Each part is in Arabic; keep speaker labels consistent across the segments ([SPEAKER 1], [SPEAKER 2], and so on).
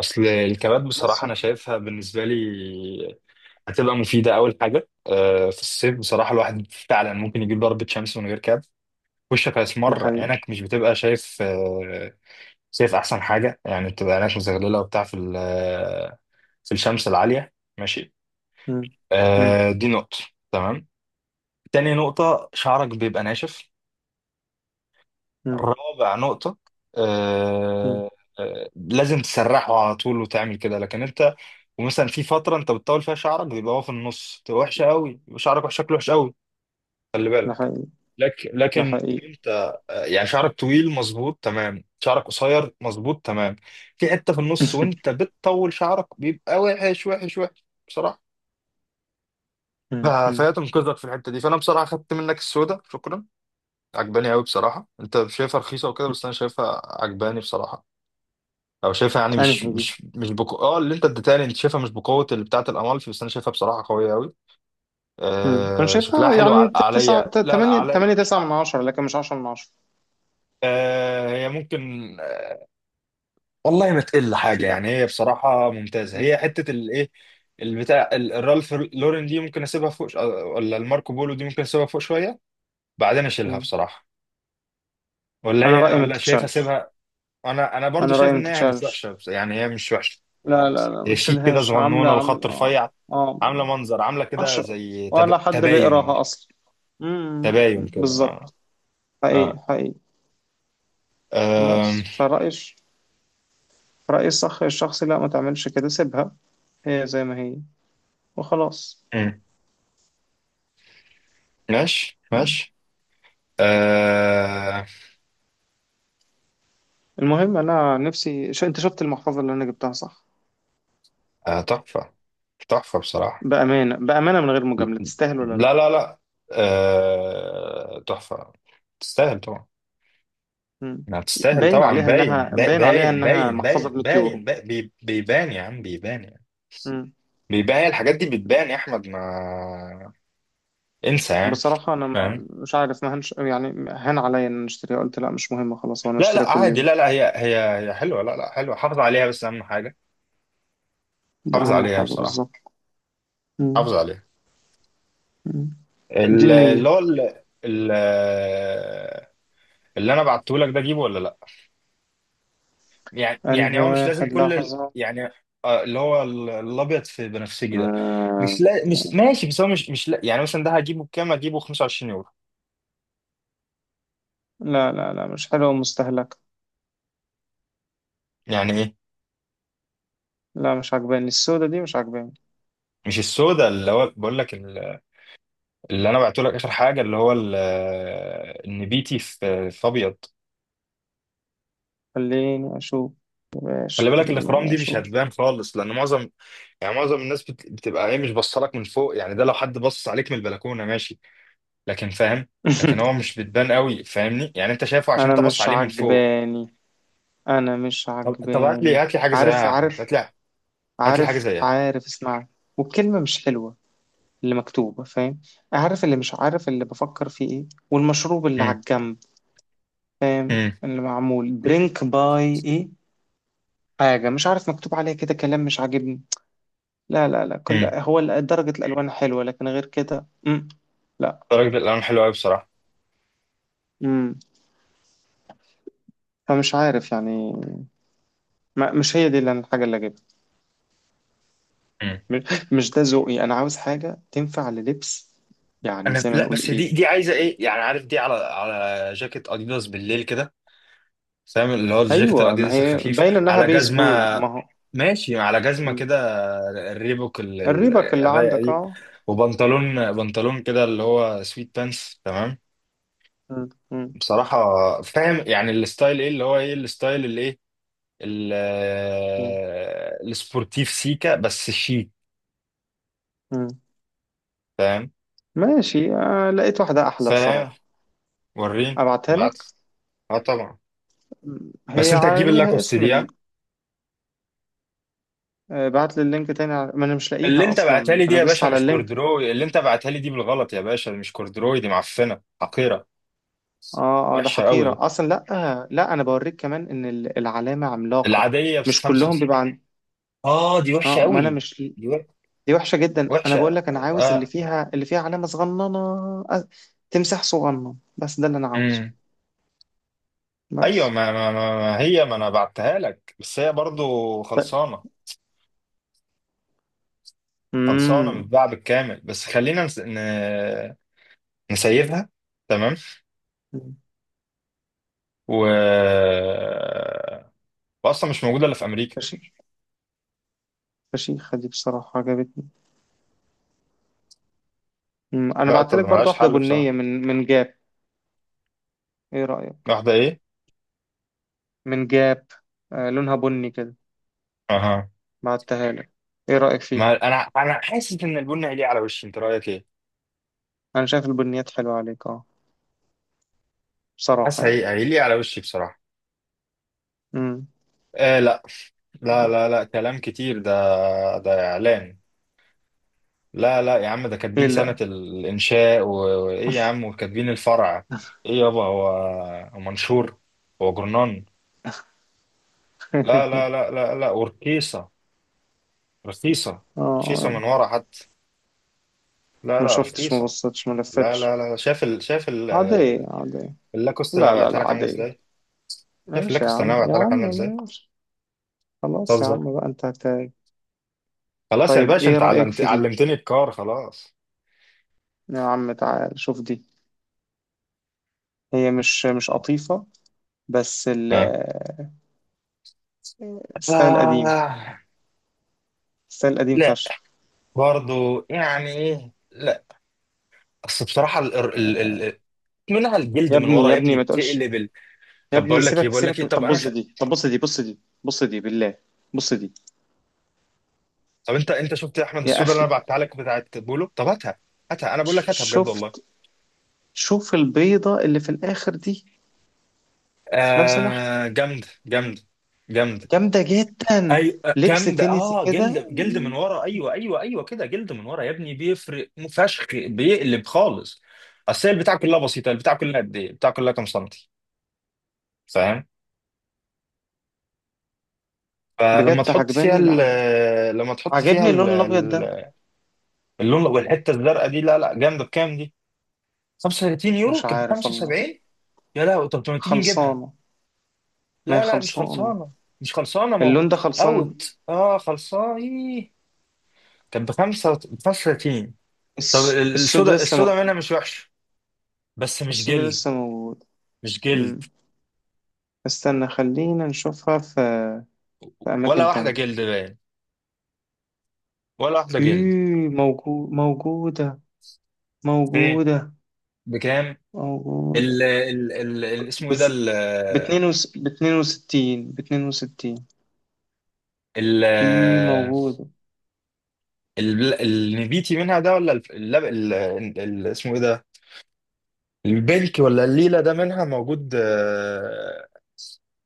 [SPEAKER 1] اصل الكبات بصراحه
[SPEAKER 2] بس،
[SPEAKER 1] انا شايفها بالنسبه لي هتبقى مفيده. اول حاجه في الصيف بصراحه الواحد فعلا ممكن يجيب ضربه شمس من غير كاب. وشك
[SPEAKER 2] ده
[SPEAKER 1] هيسمر،
[SPEAKER 2] حقيقي.
[SPEAKER 1] عينك مش بتبقى شايف، شايف احسن حاجه، يعني بتبقى عينك مزغلله وبتاع في في الشمس العاليه، ماشي.
[SPEAKER 2] مم. مم.
[SPEAKER 1] دي نقطه. تمام. تاني نقطه، شعرك بيبقى ناشف.
[SPEAKER 2] مم.
[SPEAKER 1] رابع نقطة.
[SPEAKER 2] مم.
[SPEAKER 1] آه آه لازم تسرحه على طول وتعمل كده، لكن انت ومثلا في فترة انت بتطول فيها شعرك، بيبقى هو في النص تبقى وحشة قوي، يبقى شعرك شكله وحش قوي. خلي
[SPEAKER 2] ده
[SPEAKER 1] بالك.
[SPEAKER 2] حقيقي.
[SPEAKER 1] لكن
[SPEAKER 2] ده
[SPEAKER 1] لكن لو
[SPEAKER 2] حقيقي.
[SPEAKER 1] انت يعني شعرك طويل مظبوط تمام، شعرك قصير مظبوط تمام. في حتة في النص وانت بتطول شعرك بيبقى وحش وحش وحش بصراحة.
[SPEAKER 2] مم. مم.
[SPEAKER 1] فهي تنقذك في الحتة دي، فانا بصراحة خدت منك السودة، شكرا. عجباني قوي بصراحة. انت شايفها رخيصة وكده،
[SPEAKER 2] مم.
[SPEAKER 1] بس انا شايفها عجباني بصراحة. او شايفها يعني مش
[SPEAKER 2] أنهي دي؟
[SPEAKER 1] مش مش بقو... اه اللي انت اديتها لي انت شايفها مش بقوه اللي بتاعه الامالفي، بس انا شايفها بصراحه قويه قوي.
[SPEAKER 2] مم. أنا
[SPEAKER 1] آه شكلها
[SPEAKER 2] شايفها
[SPEAKER 1] حلو
[SPEAKER 2] يعني تسعة
[SPEAKER 1] عليا. لا لا
[SPEAKER 2] تمانية،
[SPEAKER 1] عليا.
[SPEAKER 2] تمانية تسعة من عشرة لكن مش عشرة من عشرة.
[SPEAKER 1] آه هي ممكن، والله ما تقل
[SPEAKER 2] في
[SPEAKER 1] حاجه،
[SPEAKER 2] أع-.
[SPEAKER 1] يعني هي بصراحه ممتازه.
[SPEAKER 2] مم.
[SPEAKER 1] هي حته الايه، البتاع الرالف لورين دي ممكن اسيبها فوق ولا الماركو بولو دي ممكن اسيبها فوق شويه، بعدين اشيلها
[SPEAKER 2] مم.
[SPEAKER 1] بصراحه. ولا
[SPEAKER 2] أنا
[SPEAKER 1] هي،
[SPEAKER 2] رأيي ما
[SPEAKER 1] ولا شايف
[SPEAKER 2] تتشالش.
[SPEAKER 1] اسيبها. انا برضو
[SPEAKER 2] أنا رأيي
[SPEAKER 1] شايف
[SPEAKER 2] ما
[SPEAKER 1] ان هي مش
[SPEAKER 2] تتشالش.
[SPEAKER 1] وحشه، يعني هي مش وحشه.
[SPEAKER 2] لا لا لا ما
[SPEAKER 1] هي شيك كده،
[SPEAKER 2] تشيلهاش، عاملة
[SPEAKER 1] صغنونه، الخط
[SPEAKER 2] عاملة آه
[SPEAKER 1] رفيع.
[SPEAKER 2] آه.
[SPEAKER 1] عامله منظر، عامله كده
[SPEAKER 2] عشرة.
[SPEAKER 1] زي
[SPEAKER 2] ولا حد
[SPEAKER 1] تباين.
[SPEAKER 2] بيقراها أصلا؟ مم.
[SPEAKER 1] تباين كده، اه.
[SPEAKER 2] بالظبط. حقيقي
[SPEAKER 1] اه.
[SPEAKER 2] حقيقي.
[SPEAKER 1] آم،
[SPEAKER 2] بس فرأيي، رأيي الصح الشخصي، لا ما تعملش كده، سيبها هي زي ما هي وخلاص.
[SPEAKER 1] مم. ماشي
[SPEAKER 2] مم.
[SPEAKER 1] ماشي. آه،
[SPEAKER 2] المهم، انا نفسي ش... انت شفت المحفظه اللي انا جبتها، صح؟
[SPEAKER 1] آه، تحفه. تحفه بصراحه.
[SPEAKER 2] بامانه بامانه، من غير مجامله، تستاهل ولا لا؟
[SPEAKER 1] لا لا لا. تحفه. تستاهل طبعا.
[SPEAKER 2] مم.
[SPEAKER 1] ما تستاهل
[SPEAKER 2] باين
[SPEAKER 1] طبعا،
[SPEAKER 2] عليها
[SPEAKER 1] باين،
[SPEAKER 2] انها باين عليها
[SPEAKER 1] باين
[SPEAKER 2] انها
[SPEAKER 1] باين
[SPEAKER 2] محفظه ب
[SPEAKER 1] باين
[SPEAKER 2] 100
[SPEAKER 1] باين
[SPEAKER 2] يورو.
[SPEAKER 1] باين بيبان يا عم، بيبان يعني.
[SPEAKER 2] مم.
[SPEAKER 1] بيبان، هي الحاجات دي بتبان يا احمد، ما انسى يعني.
[SPEAKER 2] بصراحه انا
[SPEAKER 1] فاهم.
[SPEAKER 2] ما... مش عارف ما هنش... يعني هان عليا ان أنا اشتريها، قلت لا مش مهم خلاص، وانا
[SPEAKER 1] لا
[SPEAKER 2] اشتريها
[SPEAKER 1] لا
[SPEAKER 2] كل
[SPEAKER 1] عادي،
[SPEAKER 2] يوم.
[SPEAKER 1] لا لا هي هي، هي حلوه. لا لا حلوه، حافظ عليها بس، اهم حاجه
[SPEAKER 2] ده
[SPEAKER 1] حافظ
[SPEAKER 2] اهم
[SPEAKER 1] عليها
[SPEAKER 2] حاجه
[SPEAKER 1] بصراحة.
[SPEAKER 2] بالظبط.
[SPEAKER 1] حافظ
[SPEAKER 2] مم.
[SPEAKER 1] عليها.
[SPEAKER 2] مم. دي
[SPEAKER 1] ال- اللي
[SPEAKER 2] النيه.
[SPEAKER 1] هو ال- ال- اللي انا بعته لك ده، اجيبه ولا لا؟ يعني يعني
[SPEAKER 2] انهي
[SPEAKER 1] هو مش لازم
[SPEAKER 2] واحد؟ لحظه.
[SPEAKER 1] يعني. اللي هو الابيض في بنفسجي ده. مش،
[SPEAKER 2] آه.
[SPEAKER 1] لا مش ماشي، بس هو مش مش لا، يعني مثلا ده هجيبه بكام؟ هجيبه 25 يورو؟
[SPEAKER 2] لا لا لا، مش حلوه ومستهلكه.
[SPEAKER 1] يعني ايه.
[SPEAKER 2] لا مش عجباني، السودة دي مش عجباني.
[SPEAKER 1] مش السودا، اللي هو بقول لك اللي انا بعته لك اخر حاجة، اللي هو النبيتي في ابيض.
[SPEAKER 2] خليني اشوف.
[SPEAKER 1] خلي
[SPEAKER 2] ايش؟
[SPEAKER 1] بالك، الاخرام
[SPEAKER 2] خليني
[SPEAKER 1] دي مش
[SPEAKER 2] اشوف.
[SPEAKER 1] هتبان خالص، لان معظم، يعني معظم الناس بتبقى ايه، مش بصلك من فوق، يعني ده لو حد بص عليك من البلكونه ماشي، لكن فاهم. لكن هو مش بتبان قوي، فاهمني يعني؟ انت شايفه عشان
[SPEAKER 2] انا
[SPEAKER 1] انت بص
[SPEAKER 2] مش
[SPEAKER 1] عليه من فوق.
[SPEAKER 2] عجباني. انا مش
[SPEAKER 1] طب هات لي
[SPEAKER 2] عجباني.
[SPEAKER 1] هات لي حاجه زيها
[SPEAKER 2] عارف
[SPEAKER 1] يا احمد.
[SPEAKER 2] عارف.
[SPEAKER 1] هات لي هات لي حاجه
[SPEAKER 2] عارف
[SPEAKER 1] زيها.
[SPEAKER 2] عارف، اسمع. والكلمة مش حلوة اللي مكتوبة، فاهم؟ عارف اللي... مش عارف اللي بفكر فيه ايه، والمشروب اللي على
[SPEAKER 1] امم
[SPEAKER 2] الجنب
[SPEAKER 1] امم
[SPEAKER 2] اللي معمول درينك باي ايه. حاجة، مش عارف، مكتوب عليها كده كلام مش عاجبني. لا لا لا، كل
[SPEAKER 1] امم.
[SPEAKER 2] هو ال- درجة الألوان حلوة لكن غير كده. مم. لا.
[SPEAKER 1] الراجل، الالوان حلو قوي بصراحه.
[SPEAKER 2] مم. فمش عارف يعني. ما مش هي دي اللي- الحاجة اللي أجيبها.
[SPEAKER 1] امم
[SPEAKER 2] م-. مش ده ذوقي، انا عاوز حاجه تنفع للبس، يعني
[SPEAKER 1] انا
[SPEAKER 2] زي ما
[SPEAKER 1] لا،
[SPEAKER 2] نقول
[SPEAKER 1] بس دي
[SPEAKER 2] ايه.
[SPEAKER 1] دي عايزه ايه يعني، عارف دي على على جاكيت اديداس بالليل كده، فاهم؟ اللي هو الجاكيت
[SPEAKER 2] ايوه ما
[SPEAKER 1] الاديداس
[SPEAKER 2] هي
[SPEAKER 1] الخفيف،
[SPEAKER 2] باين انها
[SPEAKER 1] على جزمه،
[SPEAKER 2] بيسبول، ما هو.
[SPEAKER 1] ماشي على جزمه
[SPEAKER 2] م.
[SPEAKER 1] كده، الريبوك
[SPEAKER 2] الريبك اللي
[SPEAKER 1] الرايقه
[SPEAKER 2] عندك،
[SPEAKER 1] دي،
[SPEAKER 2] اه.
[SPEAKER 1] وبنطلون بنطلون كده اللي هو سويت بانس، تمام؟
[SPEAKER 2] م- م-
[SPEAKER 1] بصراحه. فاهم يعني الستايل ايه، اللي هو ايه الستايل اللي ايه ال-
[SPEAKER 2] م-
[SPEAKER 1] السبورتيف سيكا بس شيك،
[SPEAKER 2] م.
[SPEAKER 1] فاهم.
[SPEAKER 2] ماشي، آه لقيت واحده احلى
[SPEAKER 1] فاهم.
[SPEAKER 2] بصراحه.
[SPEAKER 1] وريني.
[SPEAKER 2] ابعتها
[SPEAKER 1] بعت.
[SPEAKER 2] لك.
[SPEAKER 1] اه طبعا.
[SPEAKER 2] م.
[SPEAKER 1] بس
[SPEAKER 2] هي
[SPEAKER 1] انت تجيب
[SPEAKER 2] عليها
[SPEAKER 1] اللاكوست
[SPEAKER 2] اسم
[SPEAKER 1] دي
[SPEAKER 2] ال...
[SPEAKER 1] ها؟
[SPEAKER 2] آه، بعت لي اللينك تاني. ع- ما انا مش
[SPEAKER 1] اللي
[SPEAKER 2] لاقيها
[SPEAKER 1] انت بعتها
[SPEAKER 2] اصلا،
[SPEAKER 1] لي دي
[SPEAKER 2] انا
[SPEAKER 1] يا
[SPEAKER 2] دوست
[SPEAKER 1] باشا
[SPEAKER 2] على
[SPEAKER 1] مش
[SPEAKER 2] اللينك.
[SPEAKER 1] كوردروي، اللي انت بعتها لي دي بالغلط يا باشا مش كوردروي، دي معفنه حقيره،
[SPEAKER 2] اه اه، ده
[SPEAKER 1] وحشة
[SPEAKER 2] حقيره
[SPEAKER 1] قوي.
[SPEAKER 2] اصلا، لا آه لا، انا بوريك كمان ان ال- العلامه عملاقه.
[SPEAKER 1] العادية بس
[SPEAKER 2] مش كلهم
[SPEAKER 1] خمسة.
[SPEAKER 2] بيبقى عن...
[SPEAKER 1] اه دي
[SPEAKER 2] اه
[SPEAKER 1] وحشة
[SPEAKER 2] ما انا
[SPEAKER 1] قوي.
[SPEAKER 2] مش.
[SPEAKER 1] دي وح-
[SPEAKER 2] دي وحشة جدا، انا بقول
[SPEAKER 1] وحشة
[SPEAKER 2] لك، انا عاوز اللي
[SPEAKER 1] اه.
[SPEAKER 2] فيها، اللي فيها علامة صغننة. أ-. تمساح صغنن، بس ده اللي انا عاوزه.
[SPEAKER 1] امم ايوه،
[SPEAKER 2] بس.
[SPEAKER 1] ما هي ما انا بعتها لك، بس هي برضو
[SPEAKER 2] طيب.
[SPEAKER 1] خلصانة. خلصانة،
[SPEAKER 2] امم
[SPEAKER 1] متباعة بالكامل، بس خلينا نسيبها. تمام. و، واصلا مش موجودة الا في امريكا.
[SPEAKER 2] فشيخ. فشيخة دي بصراحة، عجبتني. مم. انا
[SPEAKER 1] لا
[SPEAKER 2] بعت
[SPEAKER 1] طب
[SPEAKER 2] لك برضو
[SPEAKER 1] ملهاش
[SPEAKER 2] واحدة
[SPEAKER 1] حل بصراحة.
[SPEAKER 2] بنية من جاب. ايه رأيك؟
[SPEAKER 1] واحدة ايه؟
[SPEAKER 2] من جاب. آه لونها بني كده،
[SPEAKER 1] اها.
[SPEAKER 2] بعتها لك، ايه رأيك فيه؟
[SPEAKER 1] ما انا حاسس ان البن هيليق على وشي، انت رأيك ايه؟
[SPEAKER 2] انا شايف البنيات حلوة عليك، اه.
[SPEAKER 1] حاسس
[SPEAKER 2] بصراحة يعني.
[SPEAKER 1] هي هيليق على وشي بصراحة.
[SPEAKER 2] امم
[SPEAKER 1] آه لا. لا كلام كتير ده، ده إعلان. لا لا يا عم، ده
[SPEAKER 2] ايه
[SPEAKER 1] كاتبين سنة
[SPEAKER 2] لا.
[SPEAKER 1] الإنشاء وإيه يا عم، وكاتبين الفرع. إيه يابا، هو هو منشور، هو جرنان. لا ورخيصة، رخيصة، رخيصة
[SPEAKER 2] اه
[SPEAKER 1] من ورا حتى، لا
[SPEAKER 2] ما
[SPEAKER 1] لا
[SPEAKER 2] شفتش، ما
[SPEAKER 1] رخيصة.
[SPEAKER 2] بصيتش، ما
[SPEAKER 1] لا
[SPEAKER 2] لفتش.
[SPEAKER 1] لا لا شايف شايف
[SPEAKER 2] عادية عادية.
[SPEAKER 1] اللاكوست اللي
[SPEAKER 2] لا
[SPEAKER 1] أنا
[SPEAKER 2] لا
[SPEAKER 1] بعتها
[SPEAKER 2] لا
[SPEAKER 1] لك عاملة
[SPEAKER 2] عادية.
[SPEAKER 1] إزاي؟ شايف
[SPEAKER 2] ماشي يا
[SPEAKER 1] اللاكوست اللي
[SPEAKER 2] عم،
[SPEAKER 1] أنا
[SPEAKER 2] يا
[SPEAKER 1] بعتها لك
[SPEAKER 2] عم
[SPEAKER 1] عاملة إزاي؟
[SPEAKER 2] ماشي. خلاص يا
[SPEAKER 1] بتهزر؟
[SPEAKER 2] عم بقى، انت هت...
[SPEAKER 1] خلاص يا
[SPEAKER 2] طيب
[SPEAKER 1] باشا،
[SPEAKER 2] ايه
[SPEAKER 1] أنت
[SPEAKER 2] رأيك
[SPEAKER 1] علمت
[SPEAKER 2] في دي؟
[SPEAKER 1] علمتني الكار خلاص.
[SPEAKER 2] يا عم تعال شوف دي. هي مش قطيفة، بس ال-
[SPEAKER 1] ها.
[SPEAKER 2] الستايل قديم.
[SPEAKER 1] آه.
[SPEAKER 2] الستايل قديم فشخ.
[SPEAKER 1] برضو يعني ايه، لا اصل بصراحه منها الجلد
[SPEAKER 2] يا
[SPEAKER 1] من
[SPEAKER 2] ابني
[SPEAKER 1] ورا
[SPEAKER 2] يا
[SPEAKER 1] يا
[SPEAKER 2] ابني،
[SPEAKER 1] ابني،
[SPEAKER 2] ما تقولش.
[SPEAKER 1] بتقلب
[SPEAKER 2] يا
[SPEAKER 1] طب
[SPEAKER 2] ابني
[SPEAKER 1] بقول لك ايه،
[SPEAKER 2] سيبك
[SPEAKER 1] بقول لك
[SPEAKER 2] سيبك،
[SPEAKER 1] ايه، طب
[SPEAKER 2] طب
[SPEAKER 1] انا
[SPEAKER 2] بص دي، طب بص دي، بص دي، بص دي بالله. بص دي.
[SPEAKER 1] طب انت شفت يا احمد
[SPEAKER 2] يا
[SPEAKER 1] السودا اللي
[SPEAKER 2] اخي،
[SPEAKER 1] انا بعتها لك بتاعت بولو؟ طب هاتها، هاتها، انا بقول
[SPEAKER 2] ش-
[SPEAKER 1] لك هاتها بجد والله.
[SPEAKER 2] شفت. شوف البيضة اللي في الاخر دي، لو سمحت.
[SPEAKER 1] آه جامده، جامده. جامده.
[SPEAKER 2] جامدة جدا.
[SPEAKER 1] ايوه،
[SPEAKER 2] لبس
[SPEAKER 1] جامده،
[SPEAKER 2] تنسي
[SPEAKER 1] اه
[SPEAKER 2] كده.
[SPEAKER 1] جلد، جلد من ورا، ايوه ايوه ايوه كده، جلد من ورا يا ابني، بيفرق فشخ، بيقلب خالص. اصل هي البتاع كلها بسيطه، البتاع كلها قد ايه، البتاع كلها كام سنتي، فاهم؟ فلما
[SPEAKER 2] بجد
[SPEAKER 1] تحط فيها
[SPEAKER 2] عجباني،
[SPEAKER 1] ال، لما تحط فيها
[SPEAKER 2] عجبني اللون الابيض ده.
[SPEAKER 1] اللون والحته الزرقاء دي، لا لا جامده. بكام دي؟ 35 يورو،
[SPEAKER 2] مش
[SPEAKER 1] كانت ب
[SPEAKER 2] عارف والله.
[SPEAKER 1] 75. يا لا طب ما تيجي نجيبها.
[SPEAKER 2] خلصانة. ما هي
[SPEAKER 1] لا لا مش
[SPEAKER 2] خلصانة.
[SPEAKER 1] خلصانه، مش خلصانه،
[SPEAKER 2] اللون
[SPEAKER 1] موجود.
[SPEAKER 2] ده خلصان.
[SPEAKER 1] اوت اه خلصانه إيه؟ كانت ب 35. طب
[SPEAKER 2] الس... السود
[SPEAKER 1] السودا،
[SPEAKER 2] لسه
[SPEAKER 1] السودا منها
[SPEAKER 2] موجود.
[SPEAKER 1] مش وحشه بس مش
[SPEAKER 2] السود
[SPEAKER 1] جلد،
[SPEAKER 2] لسه موجود.
[SPEAKER 1] مش جلد.
[SPEAKER 2] مم. استنى، خلينا نشوفها في
[SPEAKER 1] ولا
[SPEAKER 2] أماكن
[SPEAKER 1] واحده
[SPEAKER 2] تانية.
[SPEAKER 1] جلد باين، ولا واحده جلد.
[SPEAKER 2] إيه موجود، موجودة.
[SPEAKER 1] ايه.
[SPEAKER 2] موجودة.
[SPEAKER 1] بكام؟
[SPEAKER 2] موجودة.
[SPEAKER 1] اسمه ايه ده
[SPEAKER 2] بس باتنين وس... 62، 62.
[SPEAKER 1] ال
[SPEAKER 2] إيه موجودة.
[SPEAKER 1] النبيتي منها ده ولا اسمه ايه ده، البلك ولا الليلة ده منها موجود؟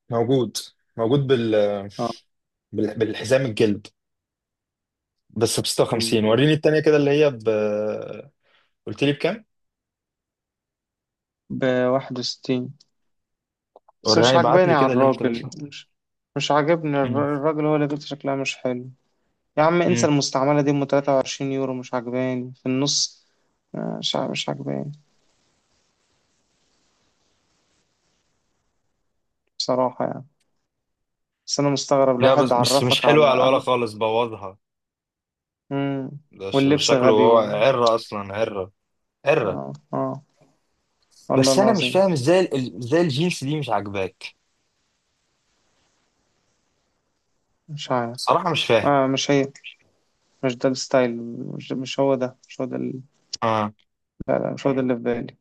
[SPEAKER 1] موجود، موجود
[SPEAKER 2] اه.
[SPEAKER 1] بالحزام الجلد، بس ب
[SPEAKER 2] مم.
[SPEAKER 1] 56. وريني التانية كده، اللي هي ب، قلت لي بكام؟
[SPEAKER 2] 61. بس مش
[SPEAKER 1] وراني، بعت
[SPEAKER 2] عاجباني
[SPEAKER 1] لي
[SPEAKER 2] على
[SPEAKER 1] كده لينك لو
[SPEAKER 2] الراجل،
[SPEAKER 1] سمحت.
[SPEAKER 2] مش. مش عاجبني
[SPEAKER 1] مم.
[SPEAKER 2] الر- الراجل، هو اللي بيت شكلها مش حلو. يا عم انسى،
[SPEAKER 1] مم.
[SPEAKER 2] المستعملة دي 23 يورو، مش عجباني في النص. مش ع- مش عجباني بصراحة يعني. بس انا مستغرب،
[SPEAKER 1] لا بس
[SPEAKER 2] الواحد
[SPEAKER 1] بس مش
[SPEAKER 2] عرفك على
[SPEAKER 1] حلوة على الولا
[SPEAKER 2] أب...
[SPEAKER 1] خالص، بوظها،
[SPEAKER 2] مم.
[SPEAKER 1] ده
[SPEAKER 2] واللبس
[SPEAKER 1] شكله
[SPEAKER 2] غبي
[SPEAKER 1] هو
[SPEAKER 2] و...
[SPEAKER 1] عرة أصلا، عرة، عرة.
[SPEAKER 2] اه اه، والله
[SPEAKER 1] بس أنا مش
[SPEAKER 2] العظيم.
[SPEAKER 1] فاهم إزاي الجينز دي مش عاجباك؟
[SPEAKER 2] مش عارف.
[SPEAKER 1] صراحة مش فاهم.
[SPEAKER 2] آه مش هي، مش ده الستايل. مش هو ده،
[SPEAKER 1] آه.
[SPEAKER 2] مش هو ده اللي في بالي.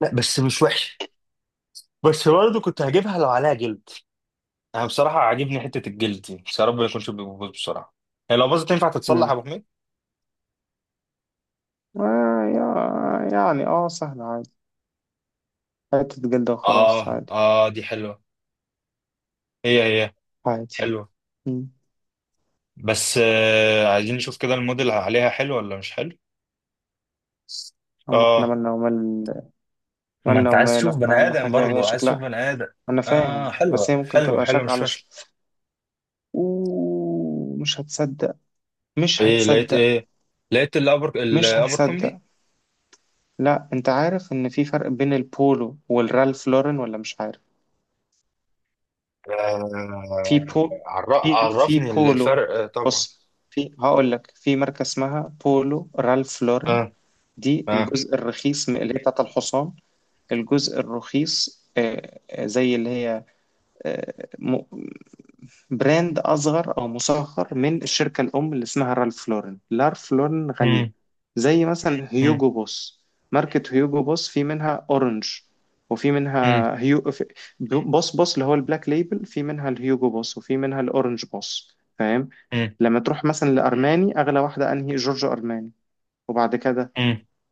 [SPEAKER 1] لا بس مش وحشة، بس برضه كنت هجيبها لو عليها جلد. انا بصراحه عاجبني حته الجلد دي، بس يا رب ما يكونش بيبوظ بسرعه. هي لو باظت تنفع تتصلح
[SPEAKER 2] مم.
[SPEAKER 1] يا ابو حميد؟
[SPEAKER 2] آه يا... يعني اه، سهل عادي. حتة جلدة وخلاص،
[SPEAKER 1] اه
[SPEAKER 2] عادي.
[SPEAKER 1] اه دي حلوة. هي هي.
[SPEAKER 2] عادي.
[SPEAKER 1] حلوة.
[SPEAKER 2] مم.
[SPEAKER 1] بس آه عايزين نشوف كده الموديل عليها حلو ولا مش حلو.
[SPEAKER 2] أما احنا
[SPEAKER 1] اه،
[SPEAKER 2] مالنا ومال...
[SPEAKER 1] ما
[SPEAKER 2] مالنا
[SPEAKER 1] انت عايز
[SPEAKER 2] ومال
[SPEAKER 1] تشوف بني
[SPEAKER 2] احنا؟ أهم
[SPEAKER 1] ادم
[SPEAKER 2] حاجة هي
[SPEAKER 1] برضه، عايز تشوف
[SPEAKER 2] شكلها.
[SPEAKER 1] بني ادم.
[SPEAKER 2] انا
[SPEAKER 1] اه
[SPEAKER 2] فاهم،
[SPEAKER 1] حلوة
[SPEAKER 2] بس هي ممكن
[SPEAKER 1] حلوة
[SPEAKER 2] تبقى
[SPEAKER 1] حلوة،
[SPEAKER 2] شك
[SPEAKER 1] مش
[SPEAKER 2] على
[SPEAKER 1] فاشلة.
[SPEAKER 2] شك. ومش هتصدق. مش
[SPEAKER 1] ايه لقيت
[SPEAKER 2] هتصدق.
[SPEAKER 1] ايه؟ لقيت الابر،
[SPEAKER 2] مش
[SPEAKER 1] الابر كومبي.
[SPEAKER 2] هتصدق. لا انت عارف ان في فرق بين البولو والرالف لورن ولا مش عارف؟ في
[SPEAKER 1] آه،
[SPEAKER 2] بو.
[SPEAKER 1] عر-
[SPEAKER 2] في
[SPEAKER 1] عرفني
[SPEAKER 2] بولو.
[SPEAKER 1] الفرق، طبعا.
[SPEAKER 2] بص، في، هقول لك، في ماركة اسمها بولو رالف لورن.
[SPEAKER 1] اه
[SPEAKER 2] دي
[SPEAKER 1] اه.
[SPEAKER 2] الجزء الرخيص م- اللي هي بتاعت الحصان. الجزء الرخيص، زي اللي هي براند أصغر أو مصغر من الشركة الأم اللي اسمها رالف لورن. لارف لورن غالية. زي مثلا هيوجو بوس. ماركة هيوجو بوس في منها أورنج، وفي
[SPEAKER 1] امم
[SPEAKER 2] منها هيو في-. بوس بوس اللي هو البلاك ليبل، في منها الهيوجو بوس، وفي منها الأورنج بوس، فاهم؟ لما تروح مثلا لأرماني، أغلى واحدة أنهي؟ جورجو أرماني. وبعد كده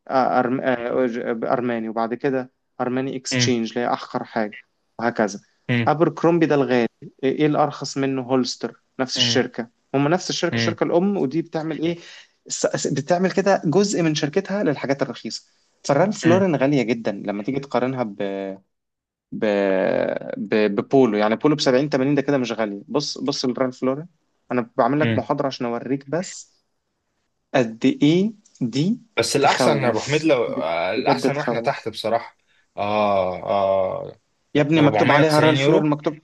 [SPEAKER 2] أرماني. وبعد كده أرماني إكستشينج اللي هي أحقر حاجة، وهكذا. أبركرومبي ده الغالي. إيه إيه، الأرخص منه هولستر، نفس الشركة. هم نفس الشركة الأم، ودي بتعمل إيه؟ س- س- بتعمل كده جزء من شركتها للحاجات الرخيصة. فرالف لورين غالية جدا لما تيجي تقارنها ب... ب... ب... ببولو. يعني بولو ب 70 80 ده كده مش غالية. بص، بص لرالف لورين، أنا بعمل لك محاضرة عشان أوريك بس قد ايه دي.
[SPEAKER 1] بس الأحسن يا أبو حميد
[SPEAKER 2] تخوف
[SPEAKER 1] لو،
[SPEAKER 2] ب-. بجد
[SPEAKER 1] الأحسن وإحنا تحت
[SPEAKER 2] تخوف.
[SPEAKER 1] بصراحة. آه آه.
[SPEAKER 2] يا ابني مكتوب عليها
[SPEAKER 1] 490
[SPEAKER 2] رال فلور،
[SPEAKER 1] يورو؟
[SPEAKER 2] مكتوب.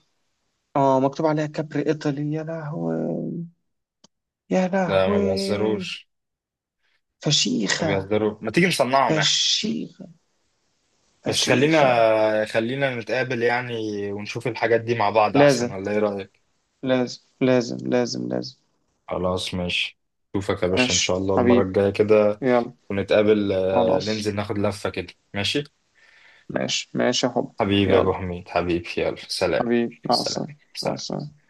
[SPEAKER 2] اه مكتوب عليها كابري ايطالي، يا لهوي، يا
[SPEAKER 1] لا ما
[SPEAKER 2] لهوي.
[SPEAKER 1] بيهزروش، ما
[SPEAKER 2] فشيخة.
[SPEAKER 1] بيهزروش، ما تيجي نصنعهم إحنا؟
[SPEAKER 2] فشيخة.
[SPEAKER 1] بس
[SPEAKER 2] فشيخة.
[SPEAKER 1] خلينا، خلينا نتقابل يعني، ونشوف الحاجات دي مع بعض أحسن،
[SPEAKER 2] لازم.
[SPEAKER 1] ولا إيه رأيك؟
[SPEAKER 2] لازم لازم لازم لازم
[SPEAKER 1] خلاص ماشي. أشوفك يا باشا إن
[SPEAKER 2] ماشي
[SPEAKER 1] شاء الله المرة
[SPEAKER 2] حبيبي.
[SPEAKER 1] الجاية كده،
[SPEAKER 2] يلا.
[SPEAKER 1] ونتقابل،
[SPEAKER 2] خلاص.
[SPEAKER 1] ننزل ناخد لفة كده ماشي؟
[SPEAKER 2] ماشي ماشي يا حب.
[SPEAKER 1] حبيبي يا أبو
[SPEAKER 2] يلا.
[SPEAKER 1] حميد، حبيبي يلا سلام.
[SPEAKER 2] حبيبي مع
[SPEAKER 1] سلام.
[SPEAKER 2] السلامة. مع
[SPEAKER 1] سلام.
[SPEAKER 2] السلامة.